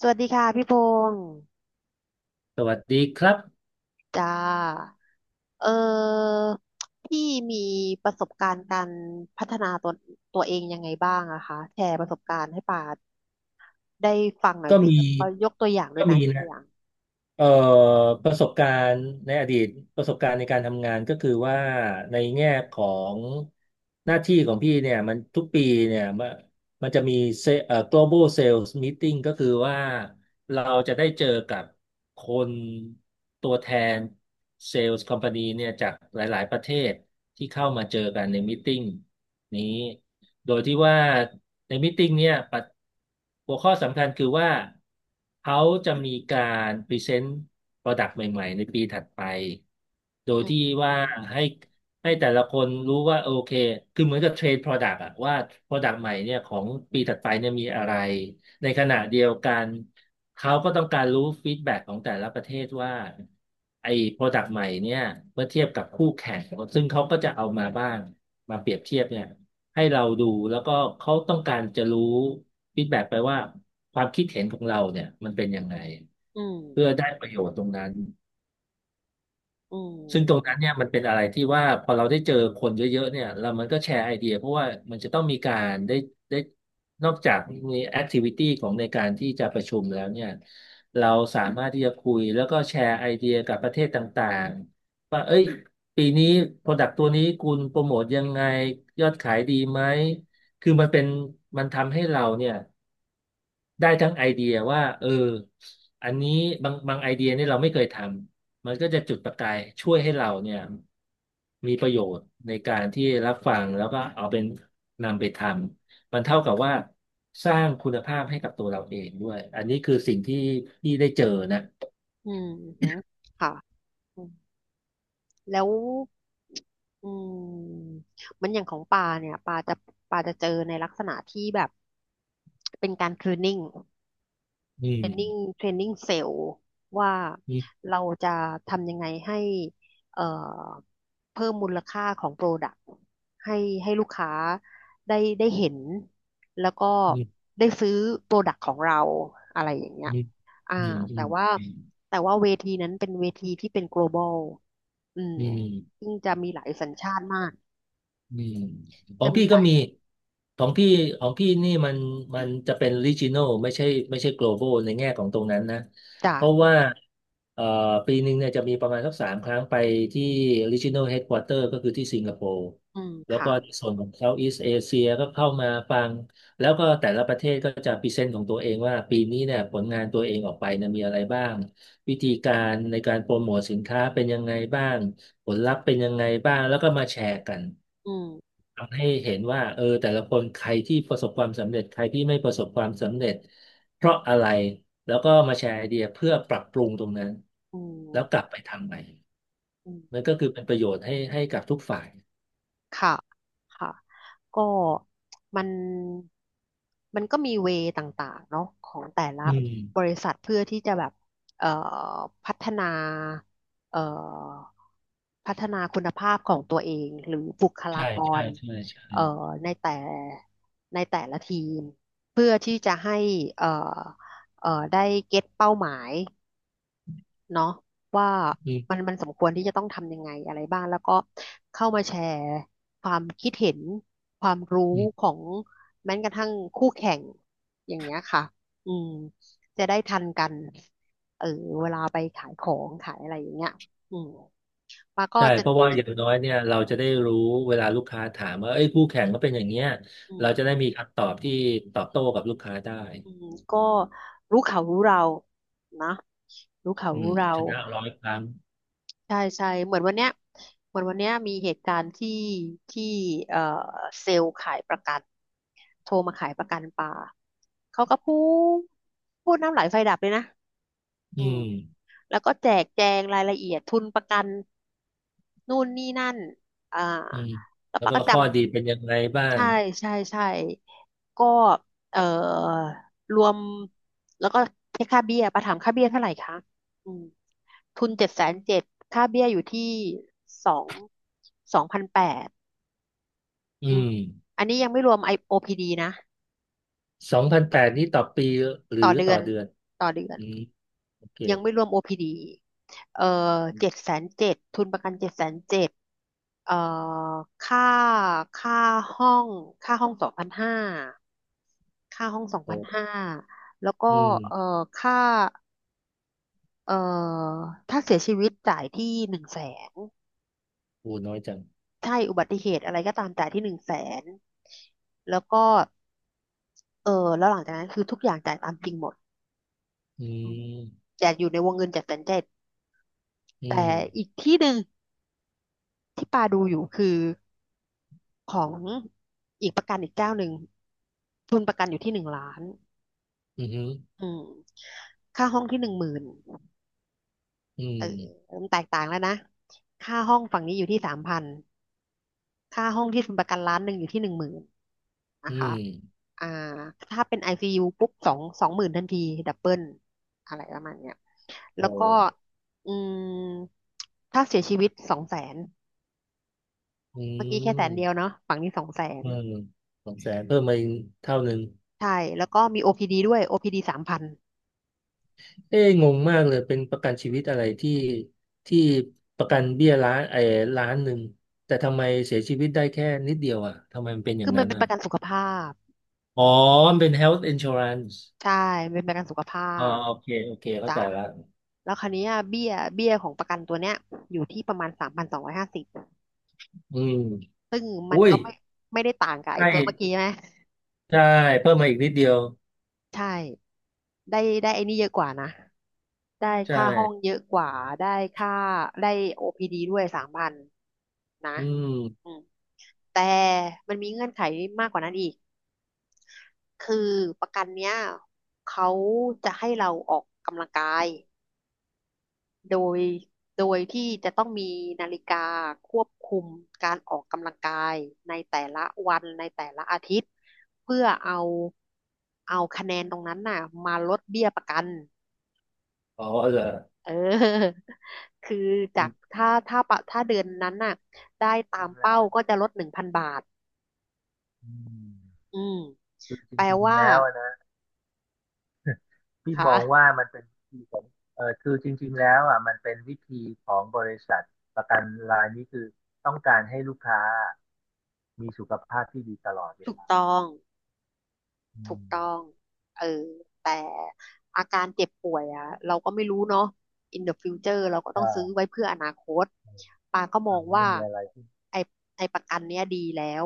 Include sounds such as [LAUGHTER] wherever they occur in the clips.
สวัสดีค่ะพี่พงศ์สวัสดีครับจ้าเออพี่มีประสบการณ์การพัฒนาตัวเองยังไงบ้างอะคะแชร์ประสบการณ์ให้ป่าได้ฟังหน่อยก็สิมีแล้วก็ยกตัวอย่างด้วก็ยนะมียกตันะวอย่างเอ่อประสบการณ์ในอดีตประสบการณ์ในการทำงานก็คือว่าในแง่ของหน้าที่ของพี่เนี่ยมันทุกปีเนี่ยมันจะมีเซเอ่อ global sales meeting ก็คือว่าเราจะได้เจอกับคนตัวแทน sales company เนี่ยจากหลายๆประเทศที่เข้ามาเจอกันใน meeting นี้ โดยที่ว่าในมตติ팅เนี่ยปัดหัวข้อสำคัญคือว่าเขาจะมีการพรีเซนต์ Product ใหม่ๆในปีถัดไป โดยอืมที่ว่าให้ให้แต่ละคนรู้ว่าโอเค คือเหมือนกับเทรนโปรด Product อะว่า Product ใหม่เนี่ยของปีถัดไปเนี่ยมีอะไรในขณะเดียวกัน เขาก็ต้องการรู้ฟีดแบ็กของแต่ละประเทศว่าไอ้โปรดักต์ใหม่เนี่ยเมื่อเทียบกับคู่แข่ง ซึ่งเขาก็จะเอามาบ้างมาเปรียบเทียบเนี่ยให้เราดูแล้วก็เขาต้องการจะรู้ฟีดแบ็กไปว่าความคิดเห็นของเราเนี่ยมันเป็นยังไงอืมเพื่อได้ประโยชน์ตรงนั้น อืซึ่งตรงมนั้นเนี่ยมันเป็นอะไรที่ว่าพอเราได้เจอคนเยอะๆเนี่ยแล้วมันก็แชร์ไอเดียเพราะว่ามันจะต้องมีการได้นอกจากมีแอคทิวิตี้ของในการที่จะประชุมแล้วเนี่ยเราสามารถที่จะคุยแล้วก็แชร์ไอเดียกับประเทศต่างๆว่าเอ้ยปีนี้โปรดักต์ตัวนี้คุณโปรโมทยังไงยอดขายดีไหมคือมันทำให้เราเนี่ย ได้ทั้งไอเดียว่าเอออันนี้บางไอเดียเนี่ยเราไม่เคยทำมันก็จะจุดประกายช่วยให้เราเนี่ยมีประโยชน์ในการที่รับฟังแล้วก็เอาเป็นนำไปทำมันเท่ากับว่าสร้างคุณภาพให้กับตัวเราเองด้วยอันนี้คือสิ่งที่ได้เจอนะอืมอือหือค่ะอืมแล้วอืมมันอย่างของปลาเนี่ยปลาจะเจอในลักษณะที่แบบเป็นการ t ร a น i n g อืเทรมนนิ่งเทรนนิ่งเซลล์ว่าอืมเราจะทำยังไงให้เอ่อเพิ่มมูลค่าของโปรดักต์ให้ให้ลูกค้าได้เห็นแล้วก็อืมได้ซื้อโปรดักต์ของเราอะไรอย่างเงี้อืยมอ่าอืมอืแต่ว่ามแต่ว่าเวทีนั้นเป็นเวทีที่เป็น global อืมอืม ซึ่งจะมีหลายสัญชาติมากอืมขอจะงมีพี่หก็ลายมีของพี่ของพี่นี่มันจะเป็น regional ไม่ใช่ global ในแง่ของตรงนั้นนะจาเพกราะว่าเอ่อปีหนึ่งเนี่ยจะมีประมาณสักสามครั้งไปที่ regional headquarter ก็คือที่สิงคโปร์อืมแล้วค่ะก็ในส่วนของ Southeast Asia ก็เข้ามาฟังแล้วก็แต่ละประเทศก็จะพรีเซนต์ของตัวเองว่าปีนี้เนี่ยผลงานตัวเองออกไปเนี่ยมีอะไรบ้างวิธีการในการโปรโมทสินค้าเป็นยังไงบ้าง ผลลัพธ์เป็นยังไงบ้างแล้วก็มาแชร์กันอืมทำให้เห็นว่าเออแต่ละคนใครที่ประสบความสำเร็จใครที่ไม่ประสบความสำเร็จเพราะอะไรแล้วก็มาแชร์ไอเดียเพื่อปรับปรุงตรงนั้นอืแล้วกลัมบไปทำใหม่อืม มันก็คือเป็นประโยชน์ให้กับทุกฝ่ายค่ะค่ะก็มันมันก็มีเวย์ต่างๆเนาะของแต่ละอืบมริษัทเพื่อที่จะแบบเอ่อพัฒนาเอ่อพัฒนาคุณภาพของตัวเองหรือบุคลาใช่กใช่รใช่ใช่เอ่อในแต่ในแต่ละทีมเพื่อที่จะให้เอ่อได้เก็ตเป้าหมาย เนาะว่าอืมันมมันสมควรที่จะต้องทำยังไงอะไรบ้างแล้วก็เข้ามาแชร์ความคิดเห็นความรู้อืขมองแม้กระทั่งคู่แข่งอย่างเงี้ยค่ะอืมจะได้ทันกันเออเวลาไปขายของขายอะไรอย่างเงี้ยอืมมาก็ใช่จะเพราะว่าอจะย่างน้อยเนี่ยเราจะได้รู้เวลาลูกค้าถามว่าเอ้ยคู่แข่งก็เป็นอย่างเงี้ยอืมเราจะได้มีคำตอบที่ตอบโต้กับลูกค้าได้อืมก็รู้เขารู้เรานะรู้เขาอืรู้มเรา ชนะร้อยครั้ง ใช่ใช่เหมือนวันเนี้ยเหมือนวันเนี้ยมีเหตุการณ์ที่ที่เอ่อเซลล์ขายประกันโทรมาขายประกันปลาเขาก็ดพูดน้ำไหลไฟดับเลยนะอือืมมแล้วก็แจกแจงรายละเอียดทุนประกันนู่นนี่นั่นอ่าอืมแล้วแล้วปาก็ก็จข้อดีเป็นยังไงบ้าำงใช่ใช่ใช่ก็เอ่อรวมแล้วก็เช็คค่าเบี้ยปาถามค่าเบี้ยเท่าไหร่คะอืม ทุนเจ็ดแสนเจ็ดค่าเบี้ยอยู่ที่สองสองพันแปดอือืมมอันนี้ยังไม่รวมไอ OPD นะ สองพันแปดนี้ต่อปีหรือต่อเดืต่ออน เดือนต่อเดือน อืมโอเคยังไม่รวม OPD เอ่อเจ็ดแสนเจ็ดทุนประกันเจ็ดแสนเจ็ดเอ่อค่าค่าห้องค่าห้องสองพันห้าค่าห้องสองพัโอ้นห้าแล้วก็อืมเอ่อค่าเอ่อถ้าเสียชีวิตจ่ายที่หนึ่งแสนโอ้น้อยจังใช่อุบัติเหตุอะไรก็ตามจ่ายที่หนึ่งแสนแล้วก็ เออแล้วหลังจากนั้นคือทุกอย่างจ่ายตามจริงหมดอือืมมแต่อยู่ในวงเงินเจ็ดแสนเจ็ดอืแต่มอีกที่หนึ่งที่ปาดูอยู่คือของอีกประกันอีกเจ้าหนึ่งทุนประกันอยู่ที่หนึ่งล้านอืมอืมค่าห้องที่หนึ่งหมื่นอืเออมมันแตกต่างแล้วนะค่าห้องฝั่งนี้อยู่ที่สามพันค่าห้องที่ทุนประกันล้านหนึ่งอยู่ที่หนึ่งหมื่น นะอืคะมอ่าถ้าเป็น ICU ปุ๊บสองหมื่นทันที ดับเบิลอะไรประมาณเนี้ยโอแล้วก็้อืมถ้าเสียชีวิตสองแสน อืเมื่อกี้แค่แสนเดียวมเนาะฝั่งนี้สองแสนอืมสองแสนเพิ่มมาอีกเท่าหนึ่งใช่แล้วก็มี OPD ดด้วย OPD สามพันเอ้ยงงมากเลยเป็นประกันชีวิตอะไรที่ประกันเบี้ยล้านไอ้ล้านหนึ่งแต่ทำไมเสียชีวิตได้แค่นิดเดียวอ่ะทำไมมันเป็นอคืย่างอมันนั้นเป็นปอ่ะ ระกันสุขภาพ อ๋อมันเป็น health insurance ใช่มันเป็นประกันสุขภาอ๋อพโอเคโอเคเข้าจ้ะใจละแล้วคราวเนี้ยเบี้ยของประกันตัวเนี้ยอยู่ที่ประมาณสามพันสองร้อยห้าสิบอืมซึ่งมัอุ้นยก็ไม่ได้ต่างกับใกไอ้ล้ตัวเมื่อกี้ใช่ไหมใช่เพิ่มมาอีกนิดเดียวใช่ได้ไอ้นี่เยอะกว่านะ ได้ใช่ค่าห้องเยอะกว่าได้ค่าได้ OPD ดด้วยสามพันนะอืมอืมแต่มันมีเงื่อนไขมากกว่านั้นอีกคือประกันเนี้ยเขาจะให้เราออกกำลังกายโดยโดยที่จะต้องมีนาฬิกาควบคุมการออกกำลังกายในแต่ละวันในแต่ละอาทิตย์เพื่อเอาคะแนนตรงนั้นน่ะมาลดเบี้ยประกัน อ๋อเหรอเออ [LAUGHS] คือจาอืกมถ้าเดือนนั้นน่ะได้ตาจริมงแล้เป้าวก็จะลดหนึ่งพันบาท อืม คือจแปลริงๆว่าแล้วอะนะพี่มองค่ะว่ามันเป็นวิธีของเออจริงแล้วอ่ะมันเป็นวิธีของบริษัทประกันรายนี้คือต้องการให้ลูกค้ามีสุขภาพที่ดีตลอดเวถูกลาต้อง อืถูกมต้องเออแต่อาการเจ็บป่วยอ่ะเราก็ไม่รู้เนาะ in the future เราก็ต้องซื้อใช่ไว้เพื่ออนาคต ปาก็มออ่างไม่ว่า มีอะไรที่ไอ้ไอ้ประกันเนี้ยดีแล้ว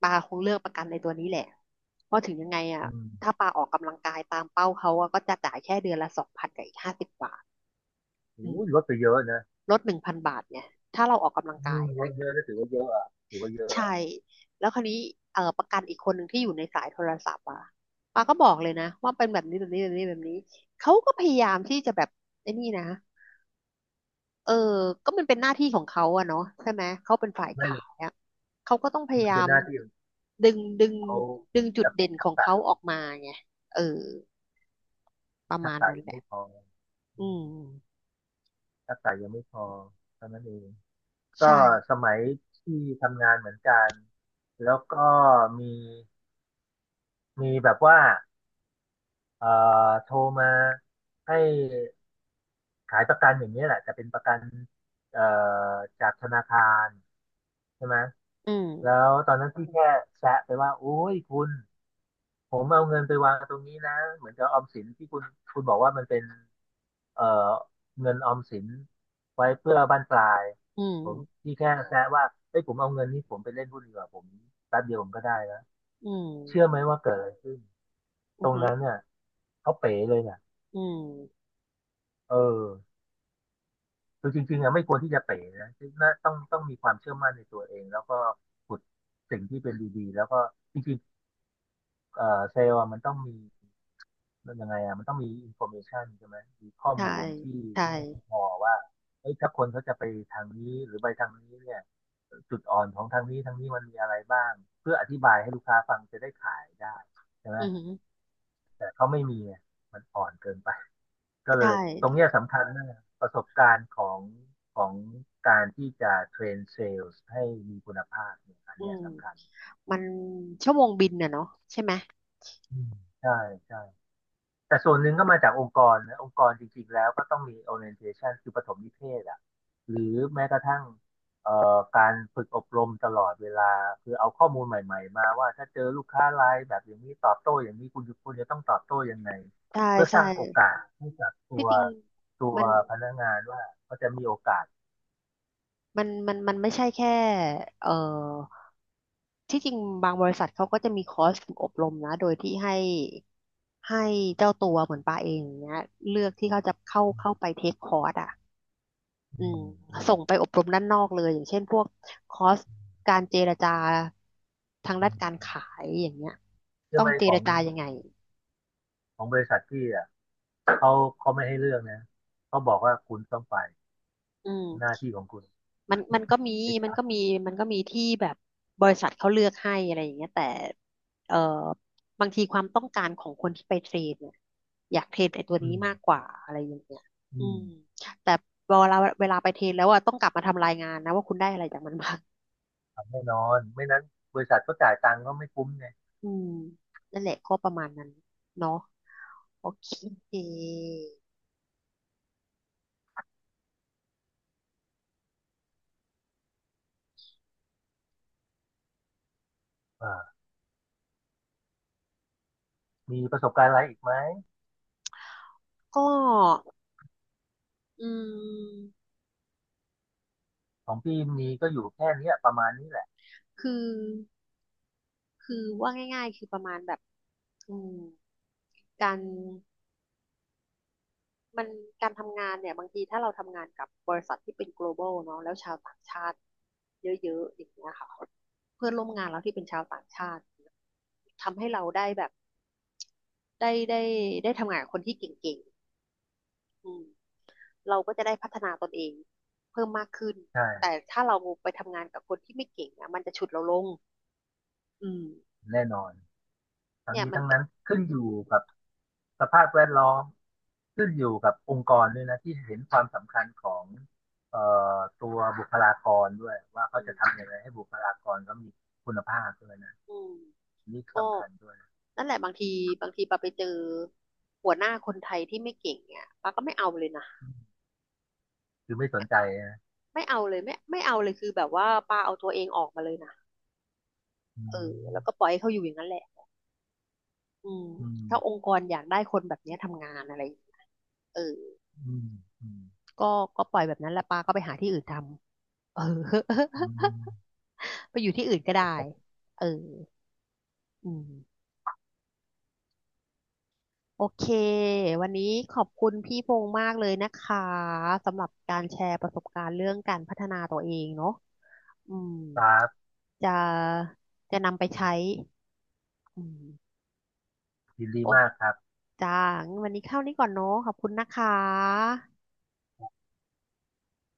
ปาคงเลือกประกันในตัวนี้แหละ เพราะถึงยังไงอ่ะอืมถ้าปาออกกำลังกายตามเป้าเขาอะก็จะจ่ายแค่เดือนละสองพันกับอีกห้าสิบบาทอืโอ้มยลดไปเยอะนะลดหนึ่งพันบาทเนี่ย ถ้าเราออกกำลังอืกายมลนะ ดเยอะก็ถือว่าเยอะอ่ะถือว่าเยอะใช่อะ แล้วคราวนี้ประกันอีกคนหนึ่งที่อยู่ในสายโทรศัพท์อ่ะปาก็บอกเลยนะว่าเป็นแบบนี้แบบนี้แบบนี้แบบนี้เขาก็พยายามที่จะแบบไอ้นี่นะเออก็มันเป็นหน้าที่ของเขาอะเนาะใช่ไหมเขาเป็นฝ่ายขายอะเขาก็ต้องพยามันยาเป็นมหน้าที่ของดึงดึงเขาดึงจุดทักเด่นขทักองเขาษะออกมาไงเออประทัมากณษะนั้นยังแหละไม่พออือืมมทักษะยังไม่พอเท่านั้นเองก็ใช่สมัยที่ทำงานเหมือนกันแล้วก็มีมีแบบว่าเอ่อโทรมาให้ขายประกันอย่างนี้ยแหละแต่เป็นประกันเอ่อจากธนาคารใช่ไหมอืมแล้วตอนนั้นพี่แค่แซะไปว่าโอ้ยคุณ ผมเอาเงินไปวางตรงนี้นะเหมือนกับออมสินที่คุณบอกว่ามันเป็นเอ่อเงินออมสินไว้เพื่อบั้นปลายอืมผมพี่แค่แซะว่าเอ้ยผมเอาเงินนี้ผมไปเล่นหุ้นดีกว่าผมแป๊บเดียวผมก็ได้แล้วอืมเชื่อไหมว่าเกิดอะไรขึ้นอืตมรองหือนั้นเนี่ยเขาเป๋เลยเนี่ยอืมเออคือจริงๆอะไม่ควรที่จะเป๋นะน่าต้องมีความเชื่อมั่นในตัวเองแล้วก็ขุดสิ่งที่เป็นดีๆแล้วก็จริงๆ เซลล์อะมันต้องมีมันยังไงอ่ะมันต้องมีอินโฟเมชันใช่ไหมมีข้อใช่มูลที่ใช่แน่นพอว่าเอ้ยถ้าคนเขาจะไปทางนี้หรือไปทางนี้เนี่ยจุดอ่อนของทางนี้ทางนี้มันมีอะไรบ้างเพื่ออธิบายให้ลูกค้าฟังจะได้ขายได้ใช่ไหมอืมแต่เขาไม่มีอะมันอ่อนเกินไปก็เลใช่ยตรงเนี้ยสำคัญมากประสบการณ์ของการที่จะเทรนเซลล์ให้มีคุณภาพเนี่ยอันอืเนี้ยม สำคัญมันชั่วโมงบินน่ะเนาะใช่ไหมอืมใช่ใช่ แต่ส่วนหนึ่งก็มาจากองค์กรนะองค์กรจริงๆแล้วก็ต้องมี orientation คือปฐมนิเทศอ่ะหรือแม้กระทั่งเอ่การฝึกอบรมตลอดเวลาคือเอาข้อมูลใหม่ๆมาว่าถ้าเจอลูกค้ารายแบบอย่างนี้ตอบโต้อย่างนี้คุณจะต้องตอบโต้ยังไงใช่เพื่อสใช่ร้างโอกาสให้กับตัที่วจริงตัวมันพนักงานว่าเขาจะมีโอกาสมันไม่ใช่แค่เอ่อที่จริงบางบริษัทเขาก็จะมีคอร์สฝึกอบรมนะโดยที่ให้ให้เจ้าตัวเหมือนปาเองอย่างเนี้ยเลือกที่เขาจะเข้าเข้าไปเทคคอร์สอ่ะอืมส่งไปอบรมด้านนอกเลยอย่างเช่นพวกคอร์สการเจรจาทางด้านการขายอย่างเงี้ยใช่ต้อไหงมเจขอรงจายังไงของบริษัทที่อ่ะเขาเขาไม่ให้เลือกนะเขาบอกว่าคุณต้องไปอืหน้าม ที่ของคุณ มันมันก็มีมัน HR อก็ชอามีร์มันก็มีที่แบบบริษัทเขาเลือกให้อะไรอย่างเงี้ยแต่เอ่อบางทีความต้องการของคนที่ไปเทรดเนี่ยอยากเทรดไอ้ตัวอืนี้มมากกว่าอะไรอย่างเงี้ยอือืมม แต่เวลาไปเทรดแล้วอะต้องกลับมาทำรายงานนะว่าคุณได้อะไรจากมันบ้า [LAUGHS] งแน่นอนไม่นั้นบริษัทก็จ่ายตังค์ก็ไม่คุ้มไงอืมนั่นแหละก็ประมาณนั้นเนาะโอเคอ่ามีประสบการณ์อะไรอีกไหมก็อืมของพี่มีก็อยู่แค่เนี้ยประมาณนี้แหละคือคือว่าง่ายๆคือประมาณแบบอืมการ มันการทำงานเนี่ยบางทีถ้าเราทำงานกับบริษัทที่เป็น global เนาะแล้วชาวต่างชาติเยอะๆอย่างเงี้ยค่ะเพื่อนร่วมงานเราที่เป็นชาวต่างชาติทำให้เราได้แบบได้ได้ได้ทำงานกับคนที่เก่งๆอืมเราก็จะได้พัฒนาตนเองเพิ่มมากขึ้นใช่แต่ถ้าเราไปทำงานกับคนที่ไม่เก่งอ่ะมันจะฉุดเราลงอืมแน่นอนทั้งเนี่ยนี้มันทั้งก็นั้นขึ้นอยู่กับสภาพแวดล้อมขึ้นอยู่กับองค์กรด้วยนะที่เห็นความสำคัญของเอ่อตัวบุคลากรด้วยว่าเขาอืมจะทำยังไงให้บุคลากรเขามีคุณภาพด้วยนะอืมนี่ก็สำคัญด้วยนะนั่นแหละบางทีบางทีปาไปเจอหัวหน้าคนไทยที่ไม่เก่งเนี่ยปาก็ไม่เอาเลยนะ คือไม่สนใจนะไม่เอาเลยไม่เอาเลยคือแบบว่าป้าเอาตัวเองออกมาเลยนะอืเออแล้วก็มปล่อยให้เขาอยู่อย่างนั้นแหละอืมอืมถ้าองค์กรอยากได้คนแบบเนี้ยทำงานอะไรอย่างเงี้ยเอออืมอืมก็ก็ปล่อยแบบนั้นแล้วปาก็ไปหาที่อื่นทำเออ อื [LAUGHS] มไปอยู่ที่อื่นก็ได้เอออืมโอเควันนี้ขอบคุณพี่พงษ์มากเลยนะคะสำหรับการแชร์ประสบการณ์เรื่องการพัฒนาตัวเองเนาะอืมครับ จะจะนำไปใช้อืมยินดีโอ้ มากครับจ้างั้นวันนี้เข้านี้ก่อนเนาะขอบคุณนะคะ